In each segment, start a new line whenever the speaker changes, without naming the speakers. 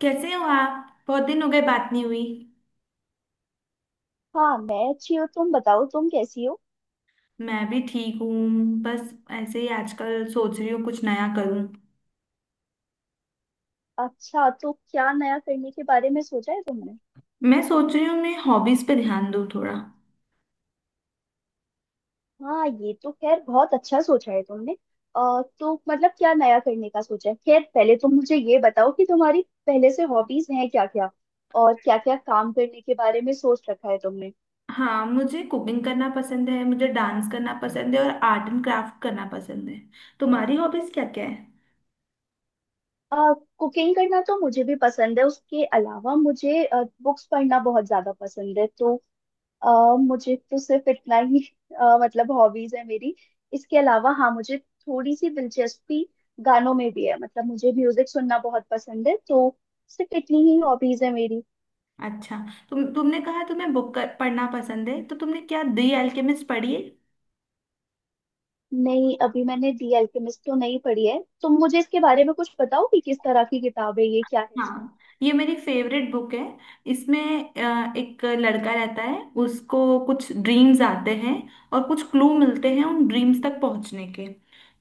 कैसे हो आप। बहुत दिन हो गए बात नहीं हुई।
हाँ मैं अच्छी हूँ। तुम बताओ तुम कैसी हो।
मैं भी ठीक हूँ। बस ऐसे ही आजकल सोच रही हूँ कुछ नया करूँ।
अच्छा, तो क्या नया करने के बारे में सोचा है तुमने।
मैं सोच रही हूँ मैं हॉबीज पे ध्यान दूँ थोड़ा।
हाँ ये तो खैर बहुत अच्छा सोचा है तुमने। तो मतलब क्या नया करने का सोचा है। खैर पहले तुम मुझे ये बताओ कि तुम्हारी पहले से हॉबीज हैं क्या क्या और क्या क्या काम करने के बारे में सोच रखा है तुमने।
हाँ, मुझे कुकिंग करना पसंद है, मुझे डांस करना पसंद है, और आर्ट एंड क्राफ्ट करना पसंद है। तुम्हारी हॉबीज क्या क्या है?
आ, कुकिंग करना तो मुझे भी पसंद है। उसके अलावा मुझे बुक्स पढ़ना बहुत ज्यादा पसंद है। तो अ, मुझे तो सिर्फ इतना ही मतलब हॉबीज है मेरी। इसके अलावा हाँ मुझे थोड़ी सी दिलचस्पी गानों में भी है। मतलब मुझे म्यूजिक सुनना बहुत पसंद है। तो सिर्फ इतनी ही हॉबीज है मेरी।
अच्छा, तुमने कहा तुम्हें पढ़ना पसंद है, तो तुमने क्या दी अल्केमिस्ट पढ़ी है?
नहीं, अभी मैंने दी अल्केमिस्ट तो नहीं पढ़ी है। तुम मुझे इसके बारे में कुछ बताओ कि किस तरह की किताब है ये, क्या है इसमें।
हाँ, ये मेरी फेवरेट बुक है। इसमें एक लड़का रहता है, उसको कुछ ड्रीम्स आते हैं और कुछ क्लू मिलते हैं उन ड्रीम्स तक पहुंचने के।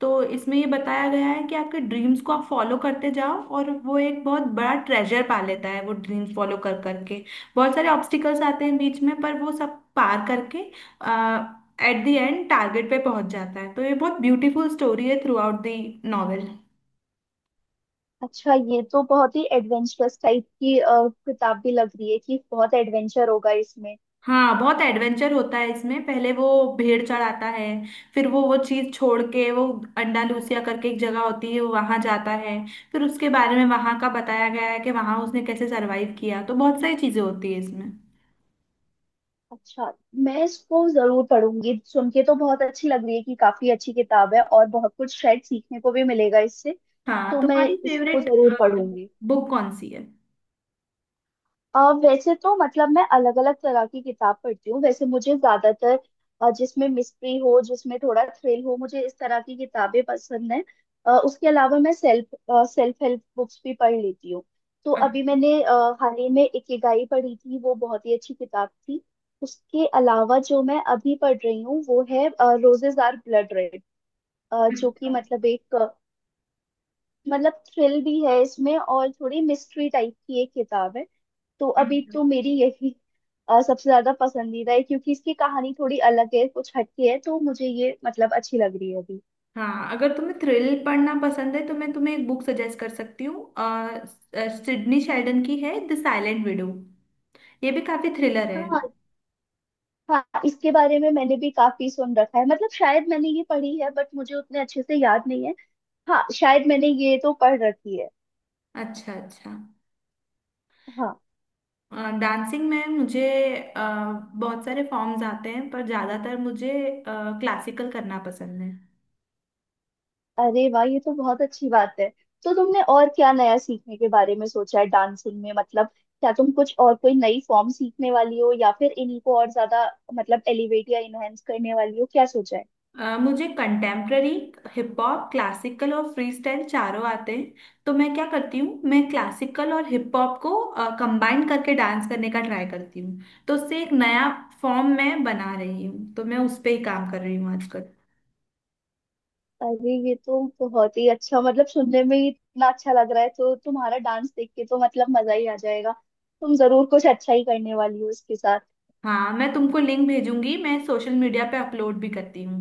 तो इसमें ये बताया गया है कि आपके ड्रीम्स को आप फॉलो करते जाओ, और वो एक बहुत बड़ा ट्रेजर पा लेता है वो ड्रीम्स फॉलो कर करके। बहुत सारे ऑब्स्टिकल्स आते हैं बीच में, पर वो सब पार करके एट द एंड टारगेट पे पहुंच जाता है। तो ये बहुत ब्यूटीफुल स्टोरी है थ्रू आउट द नॉवेल।
अच्छा, ये तो बहुत ही एडवेंचरस टाइप की किताब भी लग रही है कि बहुत एडवेंचर होगा इसमें।
हाँ, बहुत एडवेंचर होता है इसमें। पहले वो भेड़ चढ़ाता है, फिर वो चीज छोड़ के वो अंडालूसिया करके एक जगह होती है, वहां जाता है। फिर उसके बारे में वहां का बताया गया है कि वहां उसने कैसे सरवाइव किया। तो बहुत सारी चीजें होती है इसमें।
अच्छा, मैं इसको जरूर पढ़ूंगी। सुन के तो बहुत अच्छी लग रही है कि काफी अच्छी किताब है और बहुत कुछ शायद सीखने को भी मिलेगा इससे।
हाँ,
तो मैं
तुम्हारी
इसको
फेवरेट
जरूर पढ़ूंगी।
बुक कौन सी है?
वैसे तो मतलब मैं अलग अलग तरह की किताब पढ़ती हूँ। वैसे मुझे ज्यादातर जिसमें मिस्ट्री हो, जिसमें थोड़ा थ्रिल हो, मुझे इस तरह की किताबें पसंद है। उसके अलावा मैं सेल्फ सेल्फ हेल्प बुक्स भी पढ़ लेती हूँ। तो अभी
अच्छा,
मैंने हाल ही में इकिगाई पढ़ी थी। वो बहुत ही अच्छी किताब थी। उसके अलावा जो मैं अभी पढ़ रही हूँ वो है रोजेज आर ब्लड रेड। जो कि मतलब एक मतलब थ्रिल भी है इसमें और थोड़ी मिस्ट्री टाइप की एक किताब है। तो अभी
अच्छा।
तो मेरी यही सबसे ज्यादा पसंदीदा है क्योंकि इसकी कहानी थोड़ी अलग है, कुछ हटके है। तो मुझे ये मतलब अच्छी लग रही है अभी।
हाँ, अगर तुम्हें थ्रिल पढ़ना पसंद है तो मैं तुम्हें एक बुक सजेस्ट कर सकती हूँ। सिडनी शेल्डन की है द साइलेंट विडो। ये भी काफी थ्रिलर है।
हाँ, हाँ इसके बारे में मैंने भी काफी सुन रखा है। मतलब शायद मैंने ये पढ़ी है बट मुझे उतने अच्छे से याद नहीं है। हाँ शायद मैंने ये तो पढ़ रखी है।
अच्छा, अच्छा।
हाँ।
डांसिंग में मुझे अ, बहुत सारे फॉर्म्स आते हैं, पर ज़्यादातर मुझे क्लासिकल करना पसंद है।
अरे वाह, ये तो बहुत अच्छी बात है। तो तुमने और क्या नया सीखने के बारे में सोचा है डांसिंग में। मतलब क्या तुम कुछ और कोई नई फॉर्म सीखने वाली हो या फिर इन्हीं को और ज्यादा मतलब एलिवेट या इनहेंस करने वाली हो, क्या सोचा है।
मुझे कंटेम्प्ररी, हिप हॉप, क्लासिकल और फ्री स्टाइल चारों आते हैं। तो मैं क्या करती हूँ, मैं क्लासिकल और हिप हॉप को कंबाइन करके डांस करने का ट्राई करती हूँ। तो उससे एक नया फॉर्म मैं बना रही हूँ, तो मैं उस पर ही काम कर रही हूँ आजकल।
अरे, ये तो बहुत ही अच्छा, मतलब सुनने में ही इतना अच्छा लग रहा है। तो तुम्हारा डांस देख के तो मतलब मजा ही आ जाएगा। तुम जरूर कुछ अच्छा ही करने वाली हो इसके साथ।
हाँ, मैं तुमको लिंक भेजूंगी। मैं सोशल मीडिया पे अपलोड भी करती हूँ।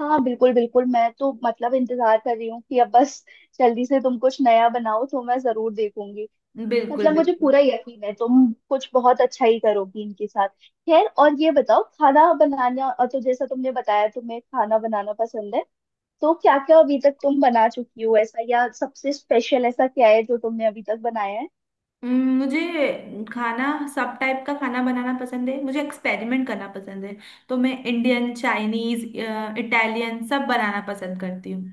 हाँ बिल्कुल, बिल्कुल, मैं तो मतलब इंतजार कर रही हूँ कि अब बस जल्दी से तुम कुछ नया बनाओ। तो मैं जरूर देखूंगी। मतलब
बिल्कुल,
मुझे पूरा
बिल्कुल।
यकीन है तुम कुछ बहुत अच्छा ही करोगी इनके साथ। खैर और ये बताओ, खाना बनाना, और तो जैसा तुमने बताया तुम्हें खाना बनाना पसंद है। तो क्या क्या अभी तक तुम बना चुकी हो ऐसा, या सबसे स्पेशल ऐसा क्या है जो तुमने अभी तक बनाया है।
मुझे खाना, सब टाइप का खाना बनाना पसंद है। मुझे एक्सपेरिमेंट करना पसंद है। तो मैं इंडियन, चाइनीज, इटालियन सब बनाना पसंद करती हूँ।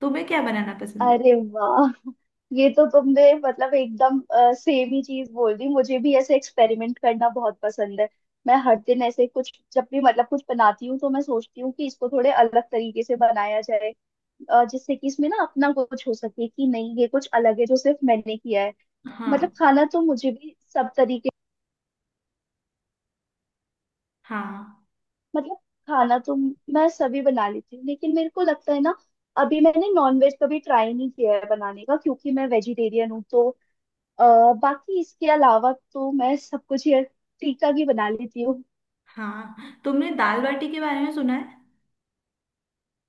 तुम्हें क्या बनाना पसंद है?
अरे वाह, ये तो तुमने मतलब एकदम सेम ही चीज बोल दी। मुझे भी ऐसे एक्सपेरिमेंट करना बहुत पसंद है। मैं हर दिन ऐसे कुछ, जब भी मतलब कुछ बनाती हूँ तो मैं सोचती हूँ कि इसको थोड़े अलग तरीके से बनाया जाए, जिससे कि इसमें ना अपना कुछ हो सके कि नहीं ये कुछ अलग है जो सिर्फ मैंने किया है। मतलब
हाँ।
खाना तो मुझे भी सब तरीके,
हाँ।
मतलब खाना तो मैं सभी बना लेती हूँ। लेकिन मेरे को लगता है ना, अभी मैंने नॉनवेज कभी ट्राई नहीं किया है बनाने का क्योंकि मैं वेजिटेरियन हूँ। तो अ, बाकी इसके अलावा तो मैं सब कुछ ये फीका की बना लेती हूँ।
हाँ, तुमने दाल बाटी के बारे में सुना है?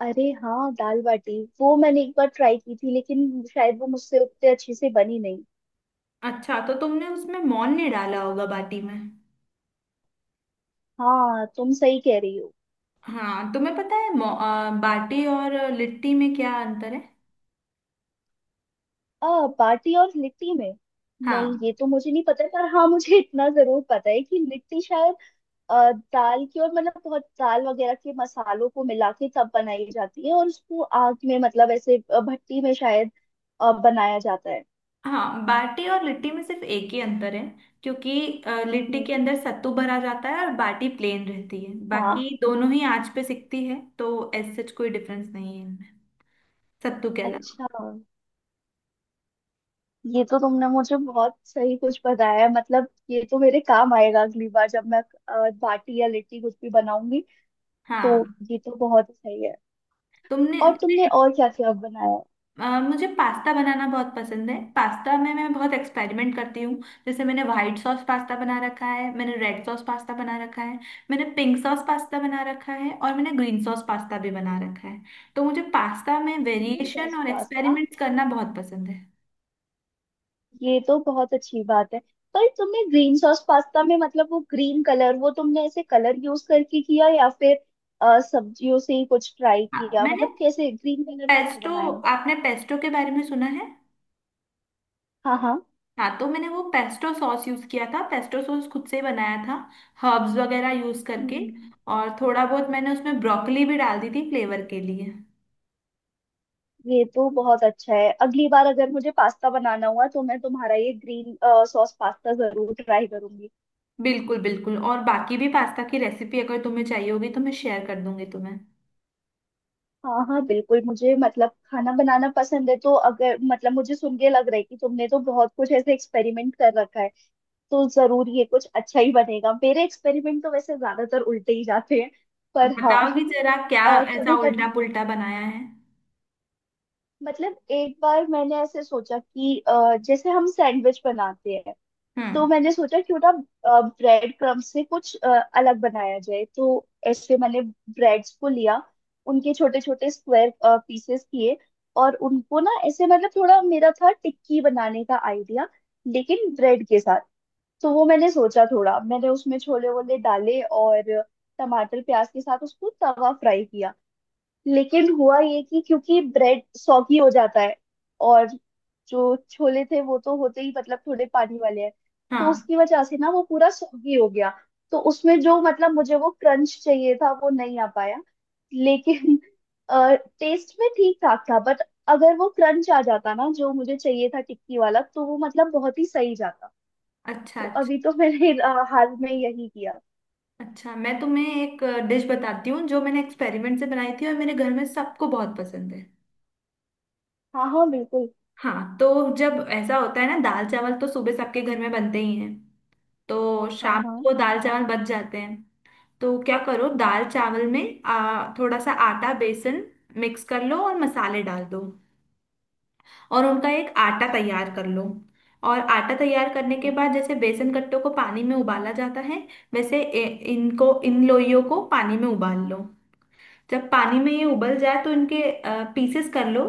अरे हाँ, दाल बाटी वो मैंने एक बार ट्राई की थी लेकिन शायद वो मुझसे उतने अच्छे से बनी नहीं।
अच्छा, तो तुमने उसमें मौन नहीं डाला होगा बाटी में।
हाँ तुम सही कह रही हो।
हाँ, तुम्हें पता है बाटी और लिट्टी में क्या अंतर है?
बाटी और लिट्टी में नहीं,
हाँ।
ये तो मुझे नहीं पता। पर हाँ मुझे इतना जरूर पता है कि लिट्टी शायद दाल की और मतलब बहुत दाल वगैरह के मसालों को मिला के तब बनाई जाती है और उसको आग में मतलब ऐसे भट्टी में शायद बनाया जाता है।
हाँ, बाटी और लिट्टी में सिर्फ एक ही अंतर है, क्योंकि लिट्टी के
हम्म।
अंदर सत्तू भरा जाता है और बाटी प्लेन रहती है।
हाँ।
बाकी दोनों ही आंच पे सिकती है, तो ऐसे कोई डिफरेंस नहीं है इनमें, सत्तू के अलावा।
अच्छा, ये तो तुमने मुझे बहुत सही कुछ बताया है। मतलब ये तो मेरे काम आएगा अगली बार जब मैं बाटी या लिट्टी कुछ भी बनाऊंगी। तो
हाँ।
ये तो बहुत सही है।
तुमने
और तुमने
तुमने
और क्या क्या बनाया।
मुझे पास्ता बनाना बहुत पसंद है। पास्ता में मैं बहुत एक्सपेरिमेंट करती हूँ। जैसे मैंने व्हाइट सॉस पास्ता बना रखा है, मैंने रेड सॉस पास्ता बना रखा है, मैंने पिंक सॉस पास्ता बना रखा है, और मैंने ग्रीन सॉस पास्ता भी बना रखा है। तो मुझे पास्ता में
क्रीम
वेरिएशन
सॉस
और
पास्ता,
एक्सपेरिमेंट्स करना बहुत पसंद है।
ये तो बहुत अच्छी बात है। पर तुमने ग्रीन सॉस पास्ता में मतलब वो ग्रीन कलर वो तुमने ऐसे कलर यूज करके किया या फिर सब्जियों से ही कुछ ट्राई
हाँ,
किया। मतलब
मैंने
कैसे ग्रीन कलर कैसे
पेस्टो,
बनाया।
आपने पेस्टो के बारे में सुना है?
हाँ हाँ।
हाँ, तो मैंने वो पेस्टो सॉस यूज़ किया था। पेस्टो सॉस खुद से ही बनाया था, हर्ब्स वगैरह यूज़ करके।
हम्म,
और थोड़ा बहुत मैंने उसमें ब्रोकली भी डाल दी थी फ्लेवर के लिए।
ये तो बहुत अच्छा है। अगली बार अगर मुझे पास्ता बनाना हुआ तो मैं तुम्हारा ये ग्रीन सॉस पास्ता जरूर ट्राई करूंगी।
बिल्कुल, बिल्कुल। और बाकी भी पास्ता की रेसिपी अगर तुम्हें चाहिए होगी तो मैं शेयर कर दूंगी तुम्हें।
हाँ हाँ बिल्कुल, मुझे मतलब खाना बनाना पसंद है। तो अगर मतलब मुझे सुन के लग रहा है कि तुमने तो बहुत कुछ ऐसे एक्सपेरिमेंट कर रखा है तो जरूर ये कुछ अच्छा ही बनेगा। मेरे एक्सपेरिमेंट तो वैसे ज्यादातर उल्टे ही जाते हैं। पर हाँ
बताओगी जरा क्या ऐसा
कभी
उल्टा
कभी,
पुल्टा बनाया है?
मतलब एक बार मैंने ऐसे सोचा कि जैसे हम सैंडविच बनाते हैं। तो
हम्म।
मैंने सोचा क्यों ना ब्रेड क्रम्ब से कुछ अलग बनाया जाए। तो ऐसे मैंने ब्रेड्स को लिया, उनके छोटे छोटे स्क्वायर पीसेस किए और उनको ना ऐसे मतलब थोड़ा मेरा था टिक्की बनाने का आइडिया लेकिन ब्रेड के साथ। तो वो मैंने सोचा, थोड़ा मैंने उसमें छोले वोले डाले और टमाटर प्याज के साथ उसको तवा फ्राई किया। लेकिन हुआ ये कि क्योंकि ब्रेड सॉगी हो जाता है, और जो छोले थे वो तो होते ही मतलब थोड़े पानी वाले हैं, तो
हाँ।
उसकी वजह से ना वो पूरा सॉगी हो गया। तो उसमें जो मतलब मुझे वो क्रंच चाहिए था वो नहीं आ पाया। लेकिन टेस्ट में ठीक ठाक था, बट अगर वो क्रंच आ जाता ना जो मुझे चाहिए था टिक्की वाला तो वो मतलब बहुत ही सही जाता।
अच्छा,
तो अभी
अच्छा।
तो मैंने हाल में यही किया।
अच्छा, मैं तुम्हें एक डिश बताती हूँ जो मैंने एक्सपेरिमेंट से बनाई थी, और मेरे घर में सबको बहुत पसंद है।
हाँ हाँ बिल्कुल।
हाँ, तो जब ऐसा होता है ना, दाल चावल तो सुबह सबके घर में बनते ही हैं। तो
हाँ
शाम
हाँ।
को दाल चावल बच जाते हैं। तो क्या करो, दाल चावल में थोड़ा सा आटा बेसन मिक्स कर लो और मसाले डाल दो, और उनका एक आटा
अच्छा।
तैयार कर लो। और आटा तैयार करने के
हम्म,
बाद जैसे बेसन कट्टों को पानी में उबाला जाता है, वैसे इनको, इन लोइयों को पानी में उबाल लो। जब पानी में ये उबल जाए तो इनके पीसेस कर लो,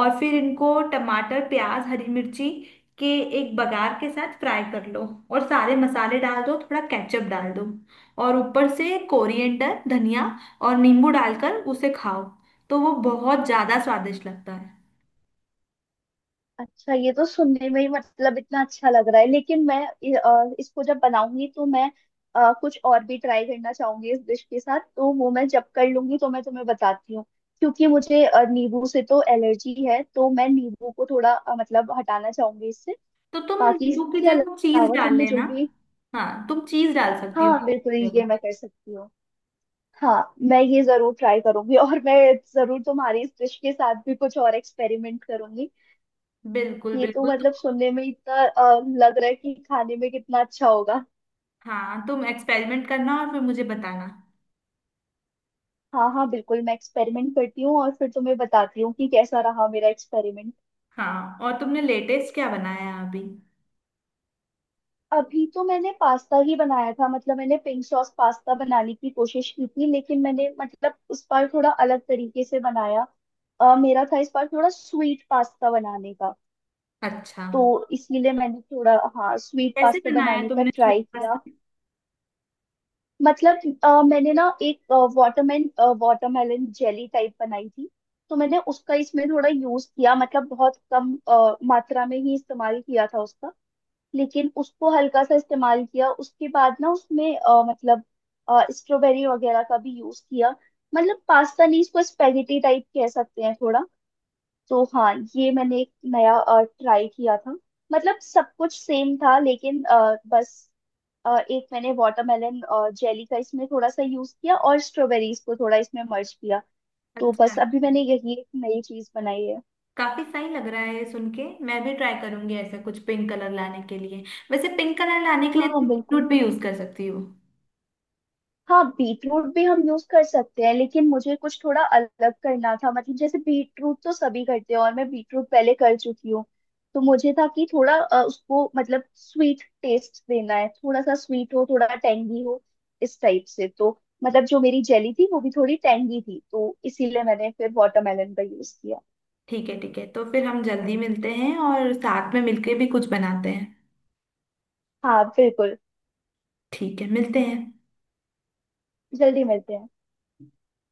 और फिर इनको टमाटर, प्याज, हरी मिर्ची के एक बघार के साथ फ्राई कर लो, और सारे मसाले डाल दो, थोड़ा केचप डाल दो, और ऊपर से कोरिएंडर, धनिया और नींबू डालकर उसे खाओ। तो वो बहुत ज़्यादा स्वादिष्ट लगता है।
अच्छा, ये तो सुनने में ही मतलब इतना अच्छा लग रहा है। लेकिन मैं इसको जब बनाऊंगी तो मैं कुछ और भी ट्राई करना चाहूंगी इस डिश के साथ। तो वो मैं जब कर लूंगी तो मैं तुम्हें बताती हूँ। क्योंकि मुझे नींबू से तो एलर्जी है। तो मैं नींबू को थोड़ा मतलब हटाना चाहूंगी इससे।
तो तुम
बाकी
नींबू की
इसके
जगह चीज
अलावा
डाल
तुमने जो
लेना।
भी,
हाँ, तुम चीज डाल सकती हो
हाँ
नींबू
बिल्कुल
की
ये
जगह।
मैं कर सकती हूँ। हाँ, मैं ये जरूर ट्राई करूंगी। और मैं जरूर तुम्हारी इस डिश के साथ भी कुछ और एक्सपेरिमेंट करूंगी।
बिल्कुल,
ये तो
बिल्कुल।
मतलब
तुम,
सुनने में इतना लग रहा है कि खाने में कितना अच्छा होगा।
हाँ, तुम एक्सपेरिमेंट करना और फिर मुझे बताना।
हाँ हाँ बिल्कुल, मैं एक्सपेरिमेंट करती हूँ और फिर तुम्हें बताती हूँ कि कैसा रहा मेरा एक्सपेरिमेंट।
हाँ, और तुमने लेटेस्ट क्या बनाया अभी?
अभी तो मैंने पास्ता ही बनाया था। मतलब मैंने पिंक सॉस पास्ता बनाने की कोशिश की थी लेकिन मैंने मतलब उस बार थोड़ा अलग तरीके से बनाया। मेरा था इस बार थोड़ा स्वीट पास्ता बनाने का।
अच्छा।
तो इसीलिए मैंने थोड़ा, हाँ, स्वीट
कैसे
पास्ता
बनाया
बनाने का
तुमने स्वीट
ट्राई किया।
पास्ता?
मतलब मैंने ना एक वाटरमेलन वाटरमेलन जेली टाइप बनाई थी। तो मैंने उसका इसमें थोड़ा यूज किया, मतलब बहुत कम मात्रा में ही इस्तेमाल किया था उसका। लेकिन उसको हल्का सा इस्तेमाल किया। उसके बाद ना उसमें मतलब स्ट्रॉबेरी वगैरह का भी यूज किया। मतलब पास्ता नहीं, इसको स्पेगेटी टाइप कह सकते हैं थोड़ा। तो हाँ ये मैंने एक नया ट्राई किया था। मतलब सब कुछ सेम था लेकिन बस एक मैंने वाटरमेलन जेली का इसमें थोड़ा सा यूज किया और स्ट्रॉबेरीज को थोड़ा इसमें मर्ज किया। तो
अच्छा,
बस अभी मैंने यही एक नई चीज बनाई है।
काफी सही लग रहा है ये सुन के। मैं भी ट्राई करूंगी ऐसा कुछ पिंक कलर लाने के लिए। वैसे पिंक कलर लाने के लिए
हाँ
तुम
बिल्कुल।
बीटरूट भी यूज कर सकती हो।
हाँ, बीटरूट भी हम यूज कर सकते हैं लेकिन मुझे कुछ थोड़ा अलग करना था। मतलब जैसे बीटरूट तो सभी करते हैं और मैं बीटरूट पहले कर चुकी हूँ। तो मुझे था कि थोड़ा उसको मतलब स्वीट टेस्ट देना है, थोड़ा सा स्वीट हो, थोड़ा टेंगी हो इस टाइप से। तो मतलब जो मेरी जेली थी वो भी थोड़ी टेंगी थी तो इसीलिए मैंने फिर वाटरमेलन का यूज किया।
ठीक है, ठीक है, तो फिर हम जल्दी मिलते हैं और साथ में मिलके भी कुछ बनाते हैं।
हाँ बिल्कुल।
ठीक है, मिलते हैं।
जल्दी मिलते हैं।